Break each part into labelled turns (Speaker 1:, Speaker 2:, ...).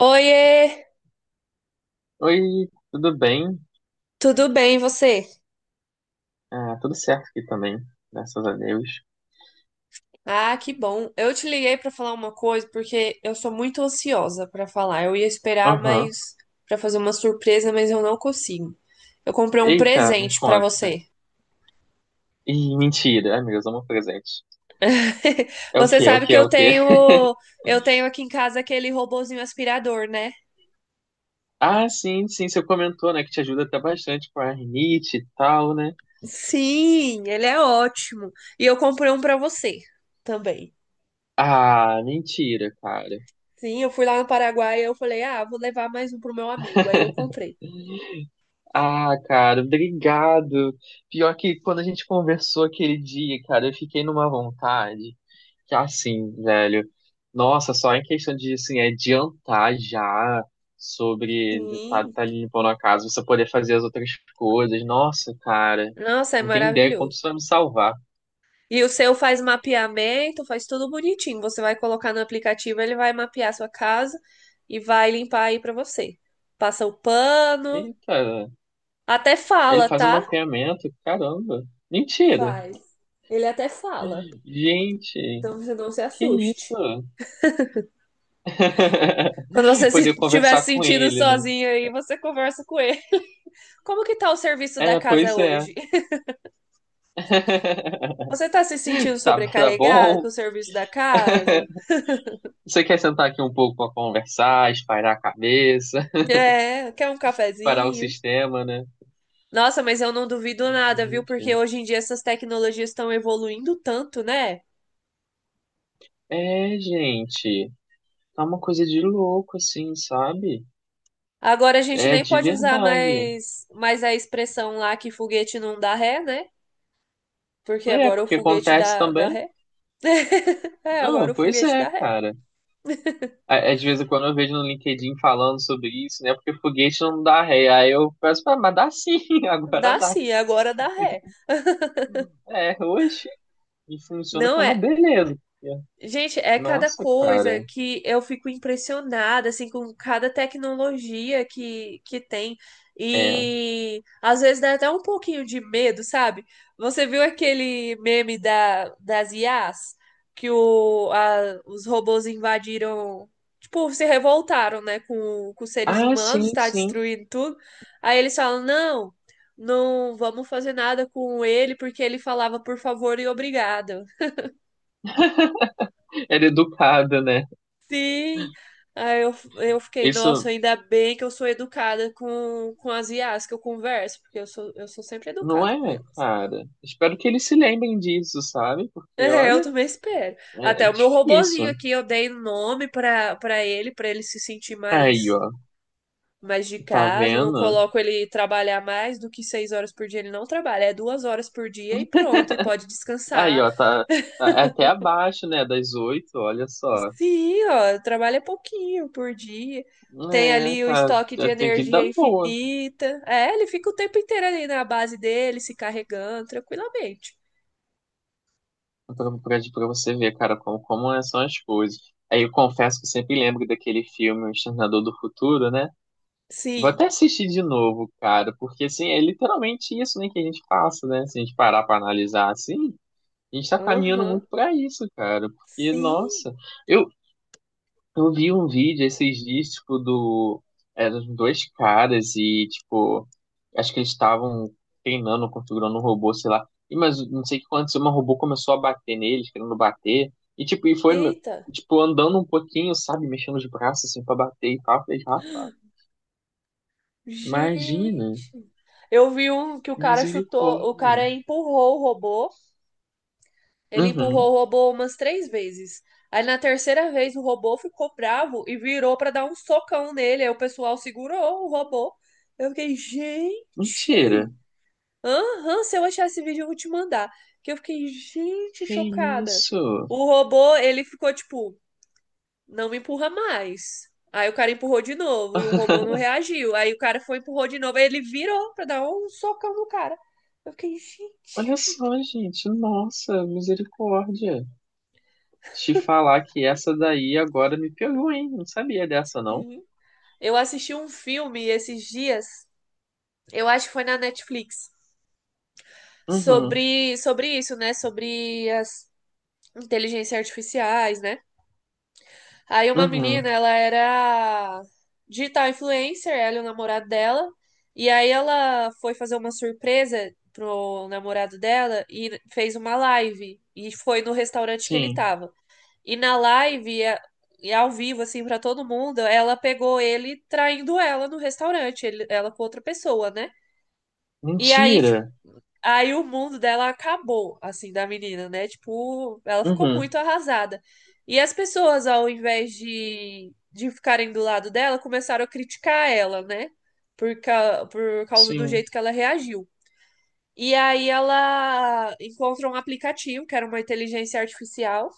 Speaker 1: Oiê,
Speaker 2: Oi, tudo bem?
Speaker 1: tudo bem e você?
Speaker 2: Ah, tudo certo aqui também, graças a Deus.
Speaker 1: Ah, que bom. Eu te liguei para falar uma coisa porque eu sou muito ansiosa para falar. Eu ia esperar,
Speaker 2: Aham.
Speaker 1: mas para fazer uma surpresa, mas eu não consigo. Eu comprei um
Speaker 2: Eita, me
Speaker 1: presente para
Speaker 2: conta.
Speaker 1: você.
Speaker 2: Ih, mentira. Ai, meu Deus, amo presente. É o
Speaker 1: Você
Speaker 2: quê? É o
Speaker 1: sabe
Speaker 2: quê?
Speaker 1: que
Speaker 2: É
Speaker 1: eu
Speaker 2: o quê?
Speaker 1: tenho eu tenho aqui em casa aquele robozinho aspirador, né?
Speaker 2: Ah, sim, sim, você comentou, né, que te ajuda até bastante com a rinite e tal, né?
Speaker 1: Sim, ele é ótimo. E eu comprei um para você também.
Speaker 2: Ah, mentira, cara.
Speaker 1: Sim, eu fui lá no Paraguai e eu falei: "Ah, vou levar mais um pro meu amigo". Aí eu comprei.
Speaker 2: Ah, cara, obrigado. Pior que quando a gente conversou aquele dia, cara, eu fiquei numa vontade. Que assim, velho. Nossa, só em questão de, assim, adiantar já sobre ele tá,
Speaker 1: Sim.
Speaker 2: tá limpando a casa, você poder fazer as outras coisas. Nossa, cara,
Speaker 1: Nossa, é
Speaker 2: não tem ideia quanto
Speaker 1: maravilhoso.
Speaker 2: isso vai me salvar.
Speaker 1: E o seu faz mapeamento, faz tudo bonitinho. Você vai colocar no aplicativo, ele vai mapear a sua casa e vai limpar aí pra você. Passa o pano,
Speaker 2: Eita,
Speaker 1: até
Speaker 2: ele
Speaker 1: fala,
Speaker 2: faz um
Speaker 1: tá?
Speaker 2: mapeamento, caramba. Mentira.
Speaker 1: Faz. Ele até fala.
Speaker 2: Gente,
Speaker 1: Então você não se
Speaker 2: que isso?
Speaker 1: assuste. Quando você
Speaker 2: Poder
Speaker 1: se estiver se
Speaker 2: conversar com
Speaker 1: sentindo
Speaker 2: ele, né?
Speaker 1: sozinho aí, você conversa com ele. Como que tá o serviço da
Speaker 2: É,
Speaker 1: casa
Speaker 2: pois é.
Speaker 1: hoje? Você tá se sentindo
Speaker 2: Tá, tá
Speaker 1: sobrecarregado com
Speaker 2: bom.
Speaker 1: o serviço da casa?
Speaker 2: Você quer sentar aqui um pouco pra conversar, espairar a cabeça?
Speaker 1: É, quer um
Speaker 2: Parar o
Speaker 1: cafezinho?
Speaker 2: sistema, né?
Speaker 1: Nossa, mas eu não duvido nada, viu? Porque
Speaker 2: Gente.
Speaker 1: hoje em dia essas tecnologias estão evoluindo tanto, né?
Speaker 2: É, gente. Tá uma coisa de louco, assim, sabe?
Speaker 1: Agora a gente
Speaker 2: É,
Speaker 1: nem
Speaker 2: de
Speaker 1: pode usar
Speaker 2: verdade.
Speaker 1: mais a expressão lá que foguete não dá ré, né? Porque
Speaker 2: É,
Speaker 1: agora o
Speaker 2: porque
Speaker 1: foguete
Speaker 2: acontece
Speaker 1: dá
Speaker 2: também.
Speaker 1: ré. É, agora
Speaker 2: Não,
Speaker 1: o
Speaker 2: pois
Speaker 1: foguete
Speaker 2: é,
Speaker 1: dá ré.
Speaker 2: cara. Às vezes quando eu vejo no LinkedIn falando sobre isso, né? Porque foguete não dá ré. Aí eu peço, "Ah, mas dá sim, agora
Speaker 1: Dá
Speaker 2: dá.
Speaker 1: sim, agora dá ré.
Speaker 2: É, hoje. E funciona que
Speaker 1: Não
Speaker 2: é uma
Speaker 1: é.
Speaker 2: beleza.
Speaker 1: Gente, é cada
Speaker 2: Nossa,
Speaker 1: coisa
Speaker 2: cara.
Speaker 1: que eu fico impressionada, assim, com cada tecnologia que tem. E às vezes dá até um pouquinho de medo, sabe? Você viu aquele meme das IAs? Que os robôs invadiram, tipo, se revoltaram, né, com os seres
Speaker 2: Ah,
Speaker 1: humanos,
Speaker 2: sim,
Speaker 1: está
Speaker 2: sim.
Speaker 1: destruindo tudo. Aí eles falam, não, não vamos fazer nada com ele, porque ele falava por favor e obrigado.
Speaker 2: Era educada, né?
Speaker 1: Sim. Aí eu fiquei, nossa,
Speaker 2: Isso.
Speaker 1: ainda bem que eu sou educada com as IAs que eu converso, porque eu sou, sempre
Speaker 2: Não
Speaker 1: educada
Speaker 2: é,
Speaker 1: com elas.
Speaker 2: cara? Espero que eles se lembrem disso, sabe? Porque,
Speaker 1: É, eu
Speaker 2: olha,
Speaker 1: também espero.
Speaker 2: é
Speaker 1: Até o meu robozinho
Speaker 2: difícil.
Speaker 1: aqui, eu dei um nome para ele, para ele se sentir
Speaker 2: Aí,
Speaker 1: mais
Speaker 2: ó,
Speaker 1: mais de
Speaker 2: tá
Speaker 1: casa. Eu Não
Speaker 2: vendo?
Speaker 1: coloco ele trabalhar mais do que seis horas por dia. Ele não trabalha, é duas horas por dia e pronto. E pode
Speaker 2: Aí,
Speaker 1: descansar.
Speaker 2: ó, é até abaixo, né, das oito, olha só.
Speaker 1: Sim, ó, trabalha pouquinho por dia. Tem
Speaker 2: É,
Speaker 1: ali o
Speaker 2: tá,
Speaker 1: estoque de
Speaker 2: já tem que
Speaker 1: energia
Speaker 2: dar boa
Speaker 1: infinita. É, ele fica o tempo inteiro ali na base dele, se carregando tranquilamente.
Speaker 2: pra você ver, cara, são as coisas. Aí eu confesso que eu sempre lembro daquele filme, O Exterminador do Futuro, né? Vou
Speaker 1: Sim.
Speaker 2: até assistir de novo, cara, porque, assim, é literalmente isso, né, que a gente passa, né? Se a gente parar pra analisar, assim. A gente tá caminhando
Speaker 1: Aham.
Speaker 2: muito pra isso, cara. Porque,
Speaker 1: Sim.
Speaker 2: nossa, eu, eu vi um vídeo esses dias, tipo, do. Eram dois caras e, tipo, acho que eles estavam treinando, configurando um robô, sei lá. E, mas não sei o que aconteceu, mas o robô começou a bater neles, querendo bater. E, tipo, e foi,
Speaker 1: Eita.
Speaker 2: tipo, andando um pouquinho, sabe? Mexendo os braços, assim, pra bater e tal. Eu falei, rapaz, imagina.
Speaker 1: Gente. Eu vi um que o cara chutou, o
Speaker 2: Misericórdia.
Speaker 1: cara empurrou o robô. Ele
Speaker 2: Uhum.
Speaker 1: empurrou o robô umas três vezes. Aí na terceira vez o robô ficou bravo e virou pra dar um socão nele. Aí o pessoal segurou o robô. Eu fiquei, gente.
Speaker 2: Mentira.
Speaker 1: Aham, se eu achar esse vídeo, eu vou te mandar. Que eu fiquei, gente,
Speaker 2: Que
Speaker 1: chocada.
Speaker 2: isso?
Speaker 1: O robô, ele ficou tipo, não me empurra mais. Aí o cara empurrou de novo e o robô não reagiu. Aí o cara foi, empurrou de novo. Aí ele virou pra dar um socão no cara. Eu fiquei,
Speaker 2: Olha
Speaker 1: gente.
Speaker 2: só, gente. Nossa, misericórdia. Te falar que essa daí agora me pegou, hein? Não sabia dessa, não.
Speaker 1: Sim. Eu assisti um filme esses dias, eu acho que foi na Netflix,
Speaker 2: Uhum,
Speaker 1: sobre isso, né? Sobre as inteligências artificiais, né? Aí uma
Speaker 2: uhum,
Speaker 1: menina, ela era digital influencer, ela e o namorado dela. E aí ela foi fazer uma surpresa pro namorado dela e fez uma live. E foi no restaurante que ele
Speaker 2: sim.
Speaker 1: tava. E na live, e ao vivo, assim, pra todo mundo, ela pegou ele traindo ela no restaurante, ela com outra pessoa, né? E aí,
Speaker 2: Mentira.
Speaker 1: Aí o mundo dela acabou, assim, da menina, né? Tipo, ela ficou
Speaker 2: Uhum,
Speaker 1: muito arrasada. E as pessoas, ao invés de ficarem do lado dela, começaram a criticar ela, né? Por causa do
Speaker 2: sim.
Speaker 1: jeito que ela reagiu. E aí ela encontrou um aplicativo, que era uma inteligência artificial,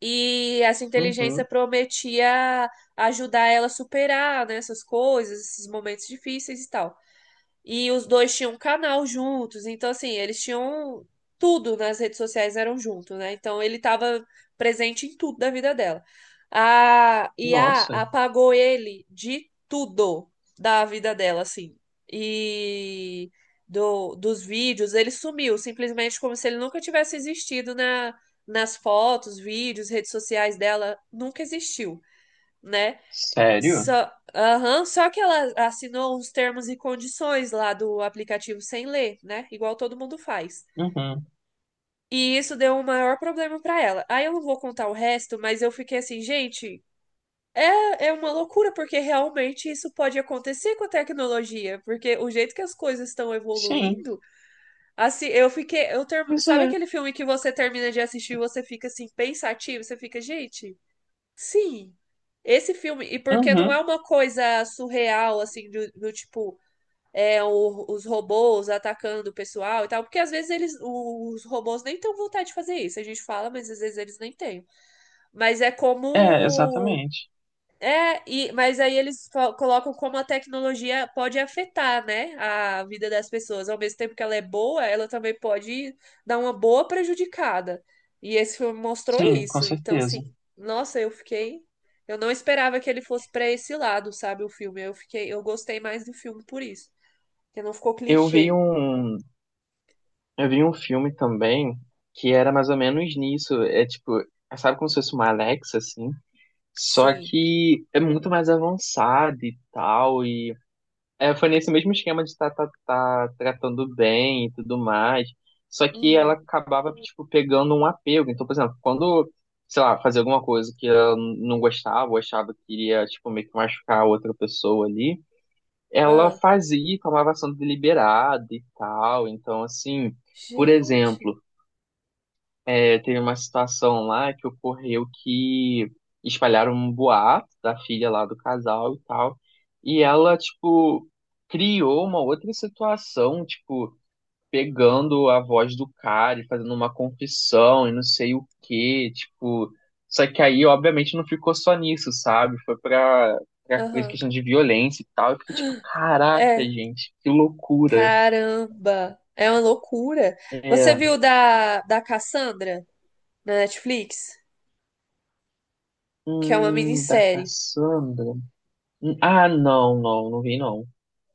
Speaker 1: e essa inteligência
Speaker 2: Uhum,
Speaker 1: prometia ajudar ela a superar, né, essas coisas, esses momentos difíceis e tal. E os dois tinham um canal juntos, então assim, eles tinham tudo nas redes sociais eram juntos, né? Então ele estava presente em tudo da vida dela. A I a
Speaker 2: nossa.
Speaker 1: apagou ele de tudo da vida dela, assim. E dos vídeos, ele sumiu, simplesmente como se ele nunca tivesse existido nas fotos, vídeos, redes sociais dela, nunca existiu, né?
Speaker 2: Sério?
Speaker 1: Só, aham, só que ela assinou uns termos e condições lá do aplicativo sem ler, né? Igual todo mundo faz.
Speaker 2: Uhum,
Speaker 1: E isso deu um maior problema pra ela. Aí eu não vou contar o resto, mas eu fiquei assim, gente, é, é uma loucura, porque realmente isso pode acontecer com a tecnologia, porque o jeito que as coisas estão
Speaker 2: sim.
Speaker 1: evoluindo, assim, eu fiquei,
Speaker 2: Pois
Speaker 1: sabe
Speaker 2: é.
Speaker 1: aquele filme que você termina de assistir e você fica assim, pensativo, você fica, gente. Sim, esse filme, e porque não é
Speaker 2: Uhum,
Speaker 1: uma coisa surreal, assim, do tipo, é, os robôs atacando o pessoal e tal, porque às vezes eles, os robôs nem têm vontade de fazer isso, a gente fala, mas às vezes eles nem têm. Mas é
Speaker 2: é,
Speaker 1: como
Speaker 2: exatamente.
Speaker 1: é, e, mas aí eles colocam como a tecnologia pode afetar, né, a vida das pessoas. Ao mesmo tempo que ela é boa, ela também pode dar uma boa prejudicada. E esse filme mostrou
Speaker 2: Sim, com
Speaker 1: isso. Então,
Speaker 2: certeza.
Speaker 1: assim, nossa, eu fiquei. Eu não esperava que ele fosse para esse lado, sabe, o filme. Eu fiquei, eu gostei mais do filme por isso. Porque não ficou
Speaker 2: Eu vi
Speaker 1: clichê.
Speaker 2: um, eu vi um filme também que era mais ou menos nisso. É tipo, sabe como se fosse uma Alexa, assim? Só
Speaker 1: Sim.
Speaker 2: que é muito mais avançado e tal, e é, foi nesse mesmo esquema de tá tratando bem e tudo mais. Só que ela
Speaker 1: Uhum.
Speaker 2: acabava, tipo, pegando um apego. Então, por exemplo, quando, sei lá, fazia alguma coisa que ela não gostava, ou achava que iria, tipo, meio que machucar a outra pessoa ali, ela
Speaker 1: Ah,
Speaker 2: fazia, e tomava ação deliberada e tal. Então, assim, por
Speaker 1: gente.
Speaker 2: exemplo. Aí teve uma situação lá que ocorreu que espalharam um boato da filha lá do casal e tal. E ela, tipo, criou uma outra situação, tipo, pegando a voz do cara e fazendo uma confissão e não sei o quê, tipo. Só que aí, obviamente, não ficou só nisso, sabe? Foi pra,
Speaker 1: Aham.
Speaker 2: questão de violência e tal. Eu fiquei tipo, caraca,
Speaker 1: É,
Speaker 2: gente, que loucura.
Speaker 1: Caramba, é uma loucura. Você
Speaker 2: É.
Speaker 1: viu da Cassandra na Netflix? Que é uma
Speaker 2: Da
Speaker 1: minissérie,
Speaker 2: Cassandra. Ah, não, não, não vi, não.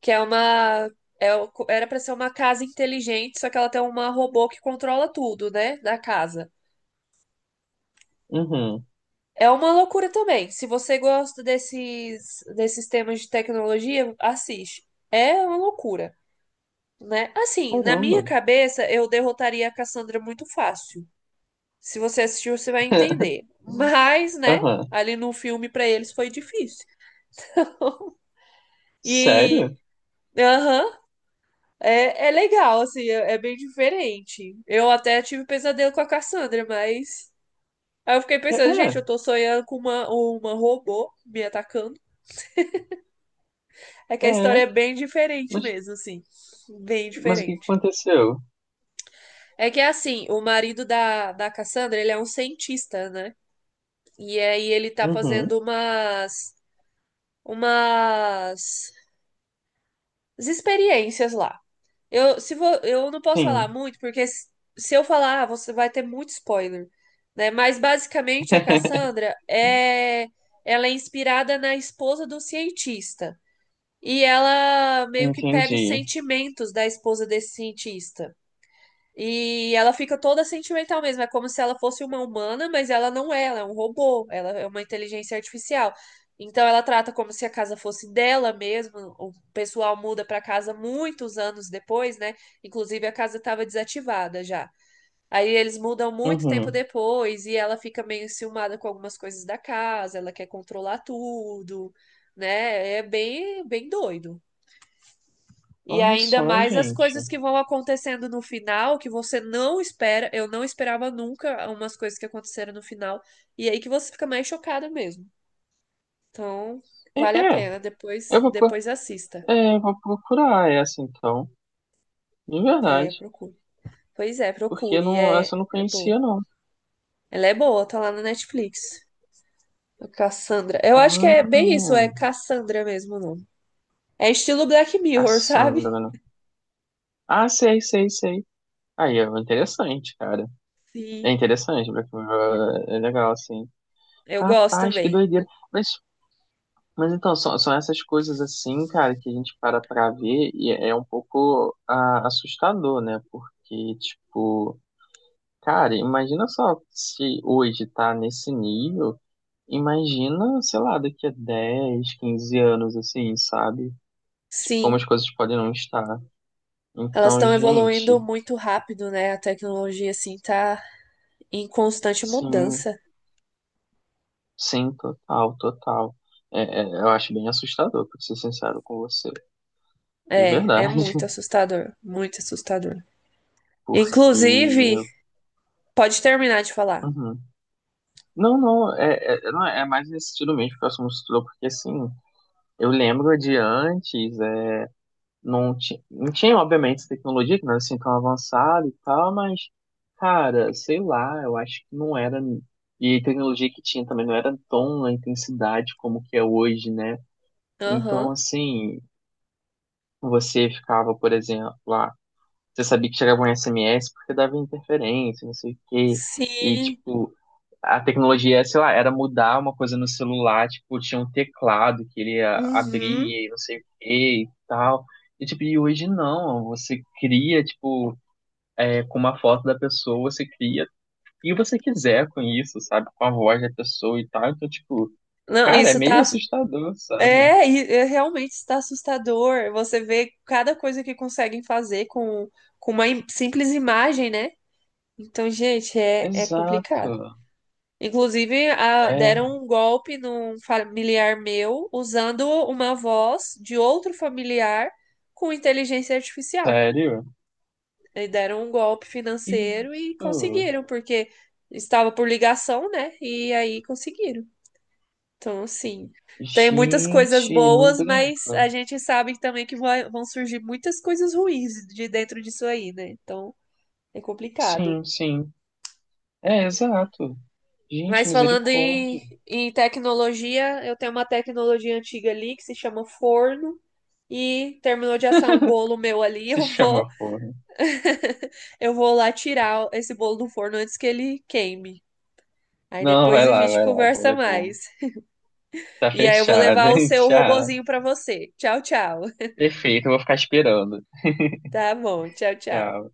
Speaker 1: que é uma é o- era pra ser uma casa inteligente, só que ela tem uma robô que controla tudo, né, da casa.
Speaker 2: Uhum.
Speaker 1: É uma loucura também. Se você gosta desses temas de tecnologia, assiste. É uma loucura, né? Assim, na minha
Speaker 2: Caramba.
Speaker 1: cabeça, eu derrotaria a Cassandra muito fácil. Se você assistiu, você vai entender. Mas, né?
Speaker 2: Aham.
Speaker 1: Ali no filme, para eles foi difícil. E.
Speaker 2: Sério?
Speaker 1: Aham. Uh-huh, é, é legal, assim, é, é bem diferente. Eu até tive pesadelo com a Cassandra, mas. Aí eu fiquei pensando, gente,
Speaker 2: É,
Speaker 1: eu tô sonhando com uma robô me atacando. É que
Speaker 2: é,
Speaker 1: a história
Speaker 2: é.
Speaker 1: é bem diferente
Speaker 2: Mas,
Speaker 1: mesmo, assim. Bem
Speaker 2: mas o que que
Speaker 1: diferente.
Speaker 2: aconteceu?
Speaker 1: É que assim, o marido da Cassandra, ele é um cientista, né? E aí ele tá
Speaker 2: Uhum.
Speaker 1: fazendo umas. Umas as experiências lá. Eu, se vou, eu não posso falar
Speaker 2: Sim.
Speaker 1: muito, porque se eu falar, você vai ter muito spoiler, né? Mas basicamente a Cassandra é ela é inspirada na esposa do cientista. E ela meio que pega os
Speaker 2: Entendi.
Speaker 1: sentimentos da esposa desse cientista. E ela fica toda sentimental mesmo, é como se ela fosse uma humana, mas ela não é, ela é um robô, ela é uma inteligência artificial. Então ela trata como se a casa fosse dela mesmo. O pessoal muda para casa muitos anos depois, né? Inclusive a casa estava desativada já. Aí eles mudam muito tempo
Speaker 2: Uhum.
Speaker 1: depois e ela fica meio enciumada com algumas coisas da casa, ela quer controlar tudo, né? É bem, bem doido. E
Speaker 2: Olha
Speaker 1: ainda
Speaker 2: só,
Speaker 1: mais as
Speaker 2: gente.
Speaker 1: coisas que vão acontecendo no final, que você não espera. Eu não esperava nunca umas coisas que aconteceram no final. E aí que você fica mais chocada mesmo. Então,
Speaker 2: É,
Speaker 1: vale a
Speaker 2: é,
Speaker 1: pena. Depois,
Speaker 2: eu vou, pro-
Speaker 1: depois assista.
Speaker 2: é, eu vou procurar essa então, de
Speaker 1: É,
Speaker 2: verdade,
Speaker 1: procure. Pois é,
Speaker 2: porque
Speaker 1: procure.
Speaker 2: não,
Speaker 1: É,
Speaker 2: essa eu não
Speaker 1: é boa.
Speaker 2: conhecia não.
Speaker 1: Ela é boa, tá lá na Netflix. A Cassandra. Eu acho que é bem isso,
Speaker 2: Ah,
Speaker 1: é Cassandra mesmo o nome. É estilo Black Mirror, sabe?
Speaker 2: Cassandra, né? Ah, sei, sei, sei. Aí é interessante, cara. É
Speaker 1: Sim.
Speaker 2: interessante, porque, ah, é legal assim.
Speaker 1: Eu gosto
Speaker 2: Rapaz, que
Speaker 1: também.
Speaker 2: doideira. mas Mas então, são essas coisas assim, cara, que a gente para pra ver e é um pouco ah, assustador, né? Porque, tipo, cara, imagina só se hoje tá nesse nível, imagina, sei lá, daqui a 10, 15 anos, assim, sabe? Tipo, como
Speaker 1: Sim.
Speaker 2: as coisas podem não estar.
Speaker 1: Elas
Speaker 2: Então,
Speaker 1: estão evoluindo
Speaker 2: gente,
Speaker 1: muito rápido, né? A tecnologia, assim, tá em constante
Speaker 2: sim,
Speaker 1: mudança.
Speaker 2: sim, total, total. É, eu acho bem assustador, pra ser sincero com você, de
Speaker 1: É, é
Speaker 2: verdade,
Speaker 1: muito assustador, muito assustador. Inclusive,
Speaker 2: porque.
Speaker 1: pode terminar de falar.
Speaker 2: Uhum. Não, não, é, não, é mais nesse estilo mesmo que o assunto estudou, porque assim, eu lembro de antes, não, não tinha, obviamente, essa tecnologia que não era assim tão avançada e tal, mas, cara, sei lá, eu acho que não era. E a tecnologia que tinha também não era tão na intensidade como que é hoje, né?
Speaker 1: Aham,
Speaker 2: Então, assim, você ficava, por exemplo, lá, você sabia que chegava um SMS porque dava interferência, não sei o quê. E,
Speaker 1: sim,
Speaker 2: tipo, a tecnologia, sei lá, era mudar uma coisa no celular, tipo, tinha um teclado que ele
Speaker 1: uhum.
Speaker 2: abria e não sei o que e tal. E, tipo, e hoje não, você cria, tipo, é, com uma foto da pessoa, você cria o que você quiser com isso, sabe? Com a voz da pessoa e tal. Então, tipo,
Speaker 1: Não,
Speaker 2: cara, é
Speaker 1: isso
Speaker 2: meio
Speaker 1: tá...
Speaker 2: assustador, sabe?
Speaker 1: É, é, realmente está assustador. Você vê cada coisa que conseguem fazer com, uma simples imagem, né? Então, gente, é, é
Speaker 2: Exato.
Speaker 1: complicado. Inclusive,
Speaker 2: É,
Speaker 1: deram um golpe num familiar meu usando uma voz de outro familiar com inteligência artificial.
Speaker 2: sério?
Speaker 1: E deram um golpe financeiro e
Speaker 2: Isso.
Speaker 1: conseguiram, porque estava por ligação, né? E aí conseguiram. Então, assim, tem muitas coisas
Speaker 2: Gente, não
Speaker 1: boas, mas
Speaker 2: brinca.
Speaker 1: a gente sabe também que vão surgir muitas coisas ruins de dentro disso aí, né? Então, é complicado.
Speaker 2: Sim, sim. É, exato. Gente,
Speaker 1: Mas falando em,
Speaker 2: misericórdia.
Speaker 1: em tecnologia, eu tenho uma tecnologia antiga ali que se chama forno e terminou de assar um bolo meu ali,
Speaker 2: Se
Speaker 1: eu
Speaker 2: chama
Speaker 1: vou
Speaker 2: forno.
Speaker 1: eu vou lá tirar esse bolo do forno antes que ele queime. Aí
Speaker 2: Não,
Speaker 1: depois
Speaker 2: vai
Speaker 1: a
Speaker 2: lá,
Speaker 1: gente
Speaker 2: vai lá. O bolo
Speaker 1: conversa
Speaker 2: é bom.
Speaker 1: mais.
Speaker 2: Tá
Speaker 1: E aí eu vou
Speaker 2: fechado,
Speaker 1: levar o
Speaker 2: hein?
Speaker 1: seu
Speaker 2: Tchau.
Speaker 1: robozinho para você. Tchau, tchau.
Speaker 2: Perfeito, eu vou ficar esperando.
Speaker 1: Tá bom, tchau, tchau.
Speaker 2: Tchau.